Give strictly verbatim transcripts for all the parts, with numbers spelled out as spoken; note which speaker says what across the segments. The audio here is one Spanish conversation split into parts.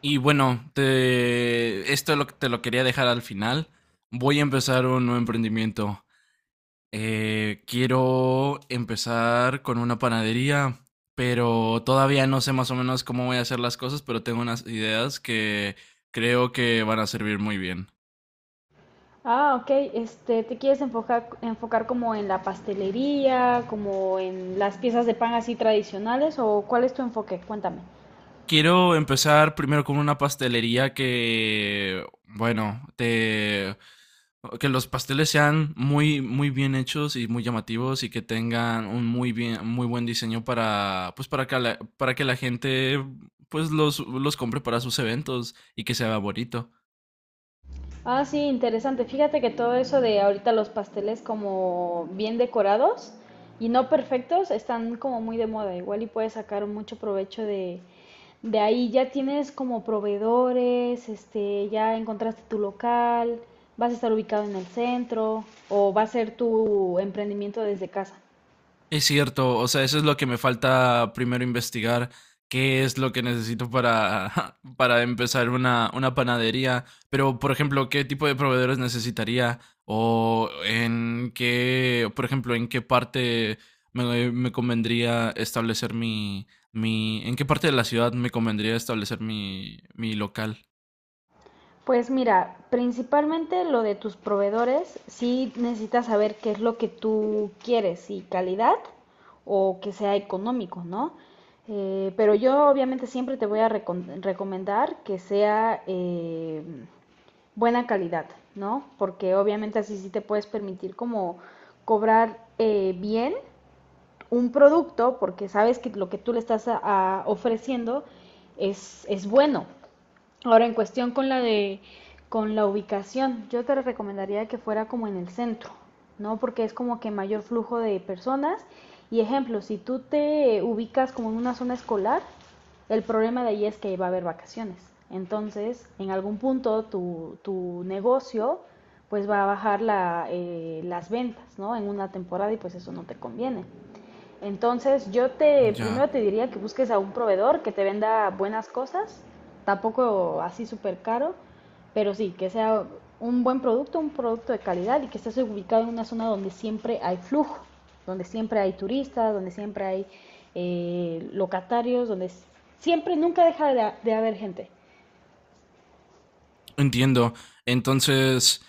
Speaker 1: Y bueno, te, esto lo, te lo quería dejar al final. Voy a empezar un nuevo emprendimiento. Eh, quiero empezar con una panadería, pero todavía no sé más o menos cómo voy a hacer las cosas, pero tengo unas ideas que creo que van a servir muy bien.
Speaker 2: Ah, ok. Este, ¿te quieres enfocar, enfocar como en la pastelería, como en las piezas de pan así tradicionales o cuál es tu enfoque? Cuéntame.
Speaker 1: Quiero empezar primero con una pastelería que, bueno, te, que los pasteles sean muy, muy bien hechos y muy llamativos y que tengan un muy bien, muy buen diseño para, pues para que la, para que la gente, pues los, los compre para sus eventos y que sea bonito.
Speaker 2: Ah, sí, interesante. Fíjate que todo eso de ahorita los pasteles como bien decorados y no perfectos están como muy de moda. Igual y puedes sacar mucho provecho de, de ahí. Ya tienes como proveedores, este, ya encontraste tu local, vas a estar ubicado en el centro o va a ser tu emprendimiento desde casa.
Speaker 1: Es cierto, o sea, eso es lo que me falta primero investigar, qué es lo que necesito para, para empezar una, una panadería, pero por ejemplo, qué tipo de proveedores necesitaría o en qué, por ejemplo, en qué parte me, me convendría establecer mi, mi, en qué parte de la ciudad me convendría establecer mi, mi local.
Speaker 2: Pues mira, principalmente lo de tus proveedores, sí necesitas saber qué es lo que tú quieres, si calidad o que sea económico, ¿no? Eh, pero yo obviamente siempre te voy a recom- recomendar que sea eh, buena calidad, ¿no? Porque obviamente así sí te puedes permitir como cobrar eh, bien un producto porque sabes que lo que tú le estás a, a ofreciendo es, es bueno. Ahora, en cuestión con la de con la ubicación, yo te recomendaría que fuera como en el centro, ¿no? Porque es como que mayor flujo de personas. Y ejemplo, si tú te ubicas como en una zona escolar, el problema de ahí es que va a haber vacaciones. Entonces, en algún punto tu, tu negocio pues va a bajar la, eh, las ventas, ¿no? En una temporada y pues eso no te conviene. Entonces yo te
Speaker 1: Ya.
Speaker 2: primero te diría que busques a un proveedor que te venda buenas cosas, tampoco así súper caro, pero sí, que sea un buen producto, un producto de calidad y que estés ubicado en una zona donde siempre hay flujo, donde siempre hay turistas, donde siempre hay eh, locatarios, donde siempre, nunca deja de, de haber gente.
Speaker 1: Entiendo. Entonces,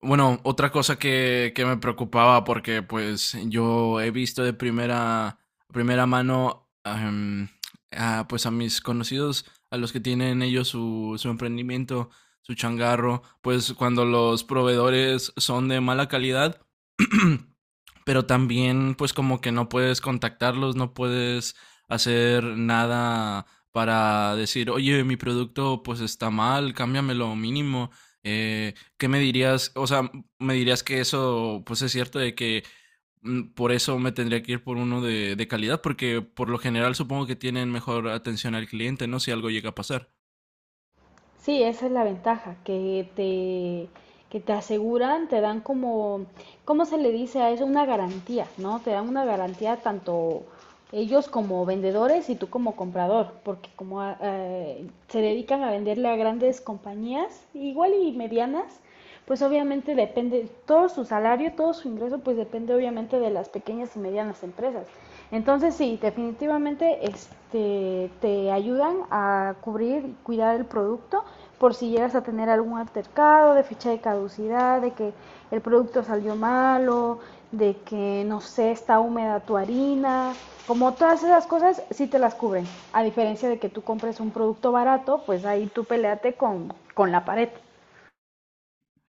Speaker 1: bueno, otra cosa que, que me preocupaba porque pues yo he visto de primera, primera mano em, a, pues a mis conocidos, a los que tienen ellos su, su emprendimiento, su changarro, pues cuando los proveedores son de mala calidad, pero también pues como que no puedes contactarlos, no puedes hacer nada para decir, oye, mi producto pues está mal, cámbiamelo mínimo. Eh, ¿Qué me dirías? O sea, me dirías que eso pues es cierto de que mm, por eso me tendría que ir por uno de, de calidad, porque por lo general supongo que tienen mejor atención al cliente, ¿no? Si algo llega a pasar.
Speaker 2: Sí, esa es la ventaja, que te, que te aseguran, te dan como, ¿cómo se le dice a eso? Una garantía, ¿no? Te dan una garantía tanto ellos como vendedores y tú como comprador, porque como ah, eh, se dedican a venderle a grandes compañías, igual y medianas, pues obviamente depende, todo su salario, todo su ingreso, pues depende obviamente de las pequeñas y medianas empresas. Entonces sí, definitivamente este, te ayudan a cubrir y cuidar el producto por si llegas a tener algún altercado de fecha de caducidad, de que el producto salió malo, de que no sé, está húmeda tu harina, como todas esas cosas sí te las cubren. A diferencia de que tú compres un producto barato, pues ahí tú peleate con, con la pared.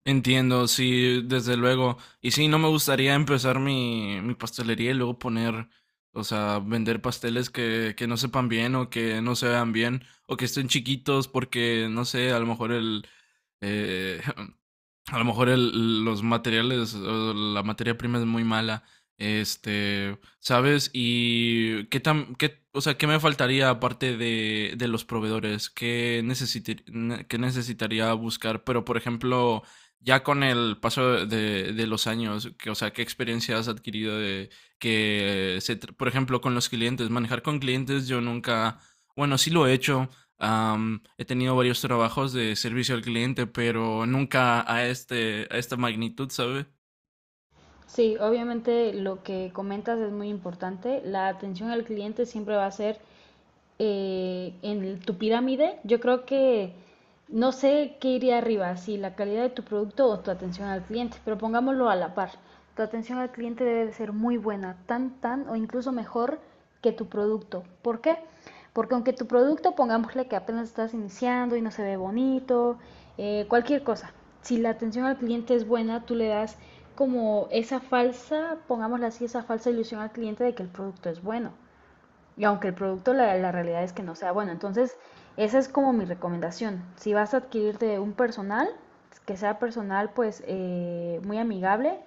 Speaker 1: Entiendo, sí, desde luego. Y sí, no me gustaría empezar mi, mi pastelería y luego poner, o sea, vender pasteles que, que no sepan bien o que no se vean bien o que estén chiquitos porque, no sé, a lo mejor el, eh, a lo mejor el, los materiales, o la materia prima es muy mala, este, ¿sabes? Y qué tan, qué, o sea, qué me faltaría aparte de, de los proveedores, qué necesitar- ne- qué necesitaría buscar, pero por ejemplo, ya con el paso de, de los años, que, o sea, qué experiencia has adquirido de que, se tr- por ejemplo, con los clientes, manejar con clientes, yo nunca, bueno, sí lo he hecho. Am, he tenido varios trabajos de servicio al cliente, pero nunca a este, a esta magnitud, ¿sabe?
Speaker 2: Sí, obviamente lo que comentas es muy importante. La atención al cliente siempre va a ser eh, en tu pirámide. Yo creo que no sé qué iría arriba, si la calidad de tu producto o tu atención al cliente, pero pongámoslo a la par. Tu atención al cliente debe de ser muy buena, tan, tan o incluso mejor que tu producto. ¿Por qué? Porque aunque tu producto, pongámosle que apenas estás iniciando y no se ve bonito, eh, cualquier cosa, si la atención al cliente es buena, tú le das como esa falsa, pongámosle así, esa falsa ilusión al cliente de que el producto es bueno. Y aunque el producto, la, la realidad es que no sea bueno. Entonces, esa es como mi recomendación. Si vas a adquirirte un personal, que sea personal pues eh, muy amigable,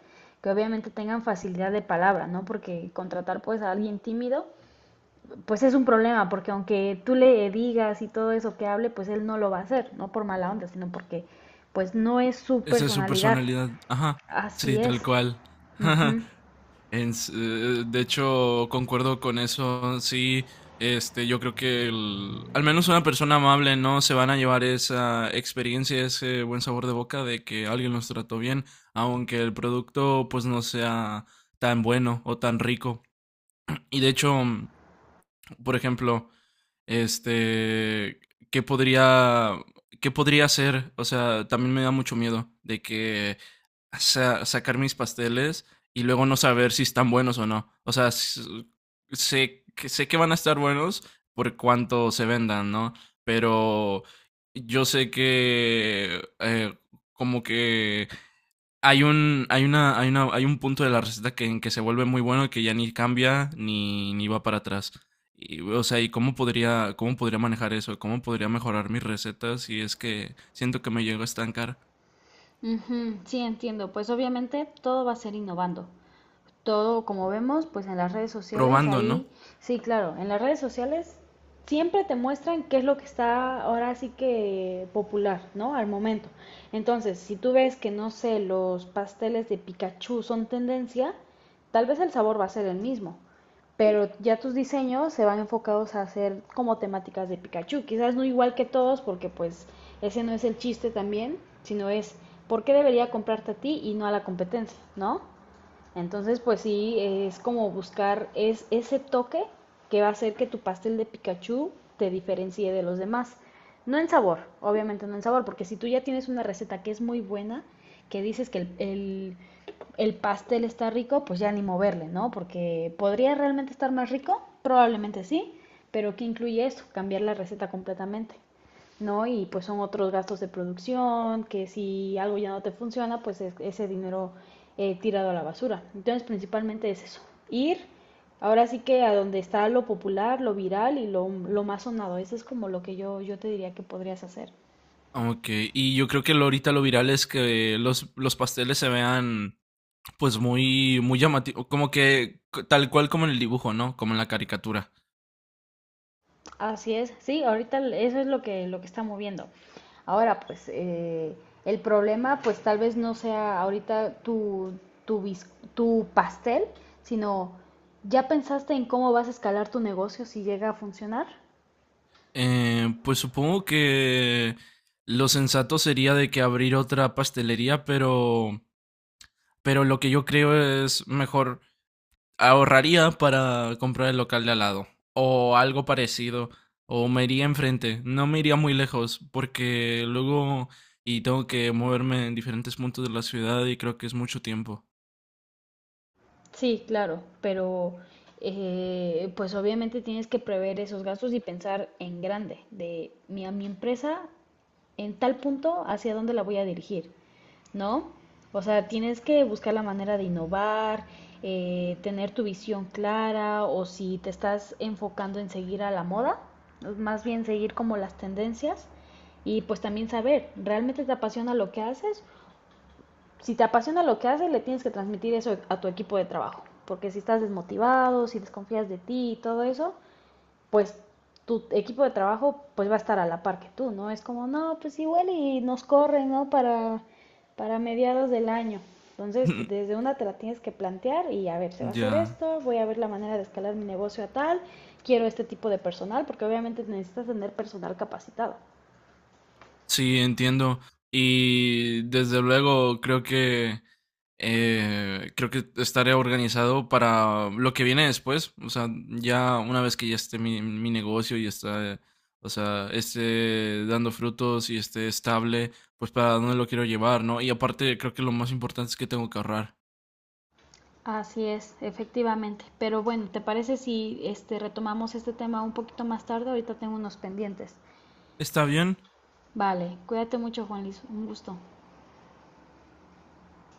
Speaker 2: que obviamente tengan facilidad de palabra, ¿no? Porque contratar pues a alguien tímido, pues es un problema, porque aunque tú le digas y todo eso que hable, pues él no lo va a hacer, no por mala onda, sino porque pues no es su
Speaker 1: Esa es su
Speaker 2: personalidad.
Speaker 1: personalidad. Ajá,
Speaker 2: Así
Speaker 1: sí, tal
Speaker 2: es.
Speaker 1: cual.
Speaker 2: Ujú.
Speaker 1: En s- eh, de hecho, concuerdo con eso. Sí, este, yo creo que el- al menos una persona amable, no se van a llevar esa experiencia, ese buen sabor de boca de que alguien los trató bien, aunque el producto pues no sea tan bueno o tan rico. Y de hecho, por ejemplo, este, ¿qué podría, ¿qué podría hacer? O sea, también me da mucho miedo de que sa- sacar mis pasteles y luego no saber si están buenos o no. O sea, s- sé que, sé que van a estar buenos por cuánto se vendan, ¿no? Pero yo sé que eh, como que hay un, hay una, hay una, hay un punto de la receta que, en que se vuelve muy bueno y que ya ni cambia ni, ni va para atrás. Y, o sea, ¿y cómo podría, cómo podría manejar eso? ¿Cómo podría mejorar mis recetas si es que siento que me llego a estancar
Speaker 2: Ujú, sí, entiendo. Pues obviamente todo va a ser innovando. Todo como vemos, pues en las redes sociales,
Speaker 1: probando,
Speaker 2: ahí,
Speaker 1: ¿no?
Speaker 2: sí, claro, en las redes sociales siempre te muestran qué es lo que está ahora sí que popular, ¿no? Al momento. Entonces, si tú ves que, no sé, los pasteles de Pikachu son tendencia, tal vez el sabor va a ser el mismo, pero ya tus diseños se van enfocados a hacer como temáticas de Pikachu, quizás no igual que todos, porque pues ese no es el chiste también, sino es, ¿por qué debería comprarte a ti y no a la competencia, ¿no? Entonces, pues sí, es como buscar es, ese toque que va a hacer que tu pastel de Pikachu te diferencie de los demás. No en sabor, obviamente no en sabor, porque si tú ya tienes una receta que es muy buena, que dices que el, el, el pastel está rico, pues ya ni moverle, ¿no? Porque podría realmente estar más rico, probablemente sí, pero ¿qué incluye eso? Cambiar la receta completamente. ¿No? Y pues son otros gastos de producción, que si algo ya no te funciona, pues es- ese dinero eh, tirado a la basura. Entonces, principalmente es eso, ir ahora sí que a donde está lo popular, lo viral y lo, lo más sonado. Eso es como lo que yo, yo te diría que podrías hacer.
Speaker 1: Ok, y yo creo que lo, ahorita lo viral es que los, los pasteles se vean pues muy, muy llamativos, como que c- tal cual como en el dibujo, ¿no? Como en la caricatura.
Speaker 2: Así es, sí, ahorita eso es lo que, lo que está moviendo. Ahora, pues, eh, el problema, pues tal vez no sea ahorita tu, tu, bis- tu pastel, sino ya pensaste en cómo vas a escalar tu negocio si llega a funcionar.
Speaker 1: Eh, pues supongo que lo sensato sería de que abrir otra pastelería, pero, pero lo que yo creo es mejor, ahorraría para comprar el local de al lado o algo parecido o me iría enfrente, no me iría muy lejos porque luego y tengo que moverme en diferentes puntos de la ciudad y creo que es mucho tiempo.
Speaker 2: Sí, claro, pero eh, pues obviamente tienes que prever esos gastos y pensar en grande, de mi, a mi empresa en tal punto hacia dónde la voy a dirigir, ¿no? O sea, tienes que buscar la manera de innovar, eh, tener tu visión clara o si te estás enfocando en seguir a la moda, más bien seguir como las tendencias y pues también saber, ¿realmente te apasiona lo que haces si te apasiona lo que haces, le tienes que transmitir eso a tu equipo de trabajo. Porque si estás desmotivado, si desconfías de ti y todo eso, pues tu equipo de trabajo pues va a estar a la par que tú, ¿no? Es como, no, pues igual y nos corren, ¿no? Para, para mediados del año. Entonces, desde una te la tienes que plantear y a ver, se va a hacer
Speaker 1: Ya.
Speaker 2: esto, voy a ver la manera de escalar mi negocio a tal, quiero este tipo de personal, porque obviamente necesitas tener personal capacitado.
Speaker 1: Sí, entiendo. Y desde luego creo que eh, creo que estaré organizado para lo que viene después. O sea, ya una vez que ya esté mi, mi negocio y está, eh, o sea, esté dando frutos y esté estable, pues para dónde lo quiero llevar, ¿no? Y aparte creo que lo más importante es que tengo que ahorrar.
Speaker 2: Así es, efectivamente. Pero bueno, ¿te parece si este retomamos este tema un poquito más tarde? Ahorita tengo unos pendientes.
Speaker 1: Está bien.
Speaker 2: Vale, cuídate mucho, Juan Luis. Un gusto.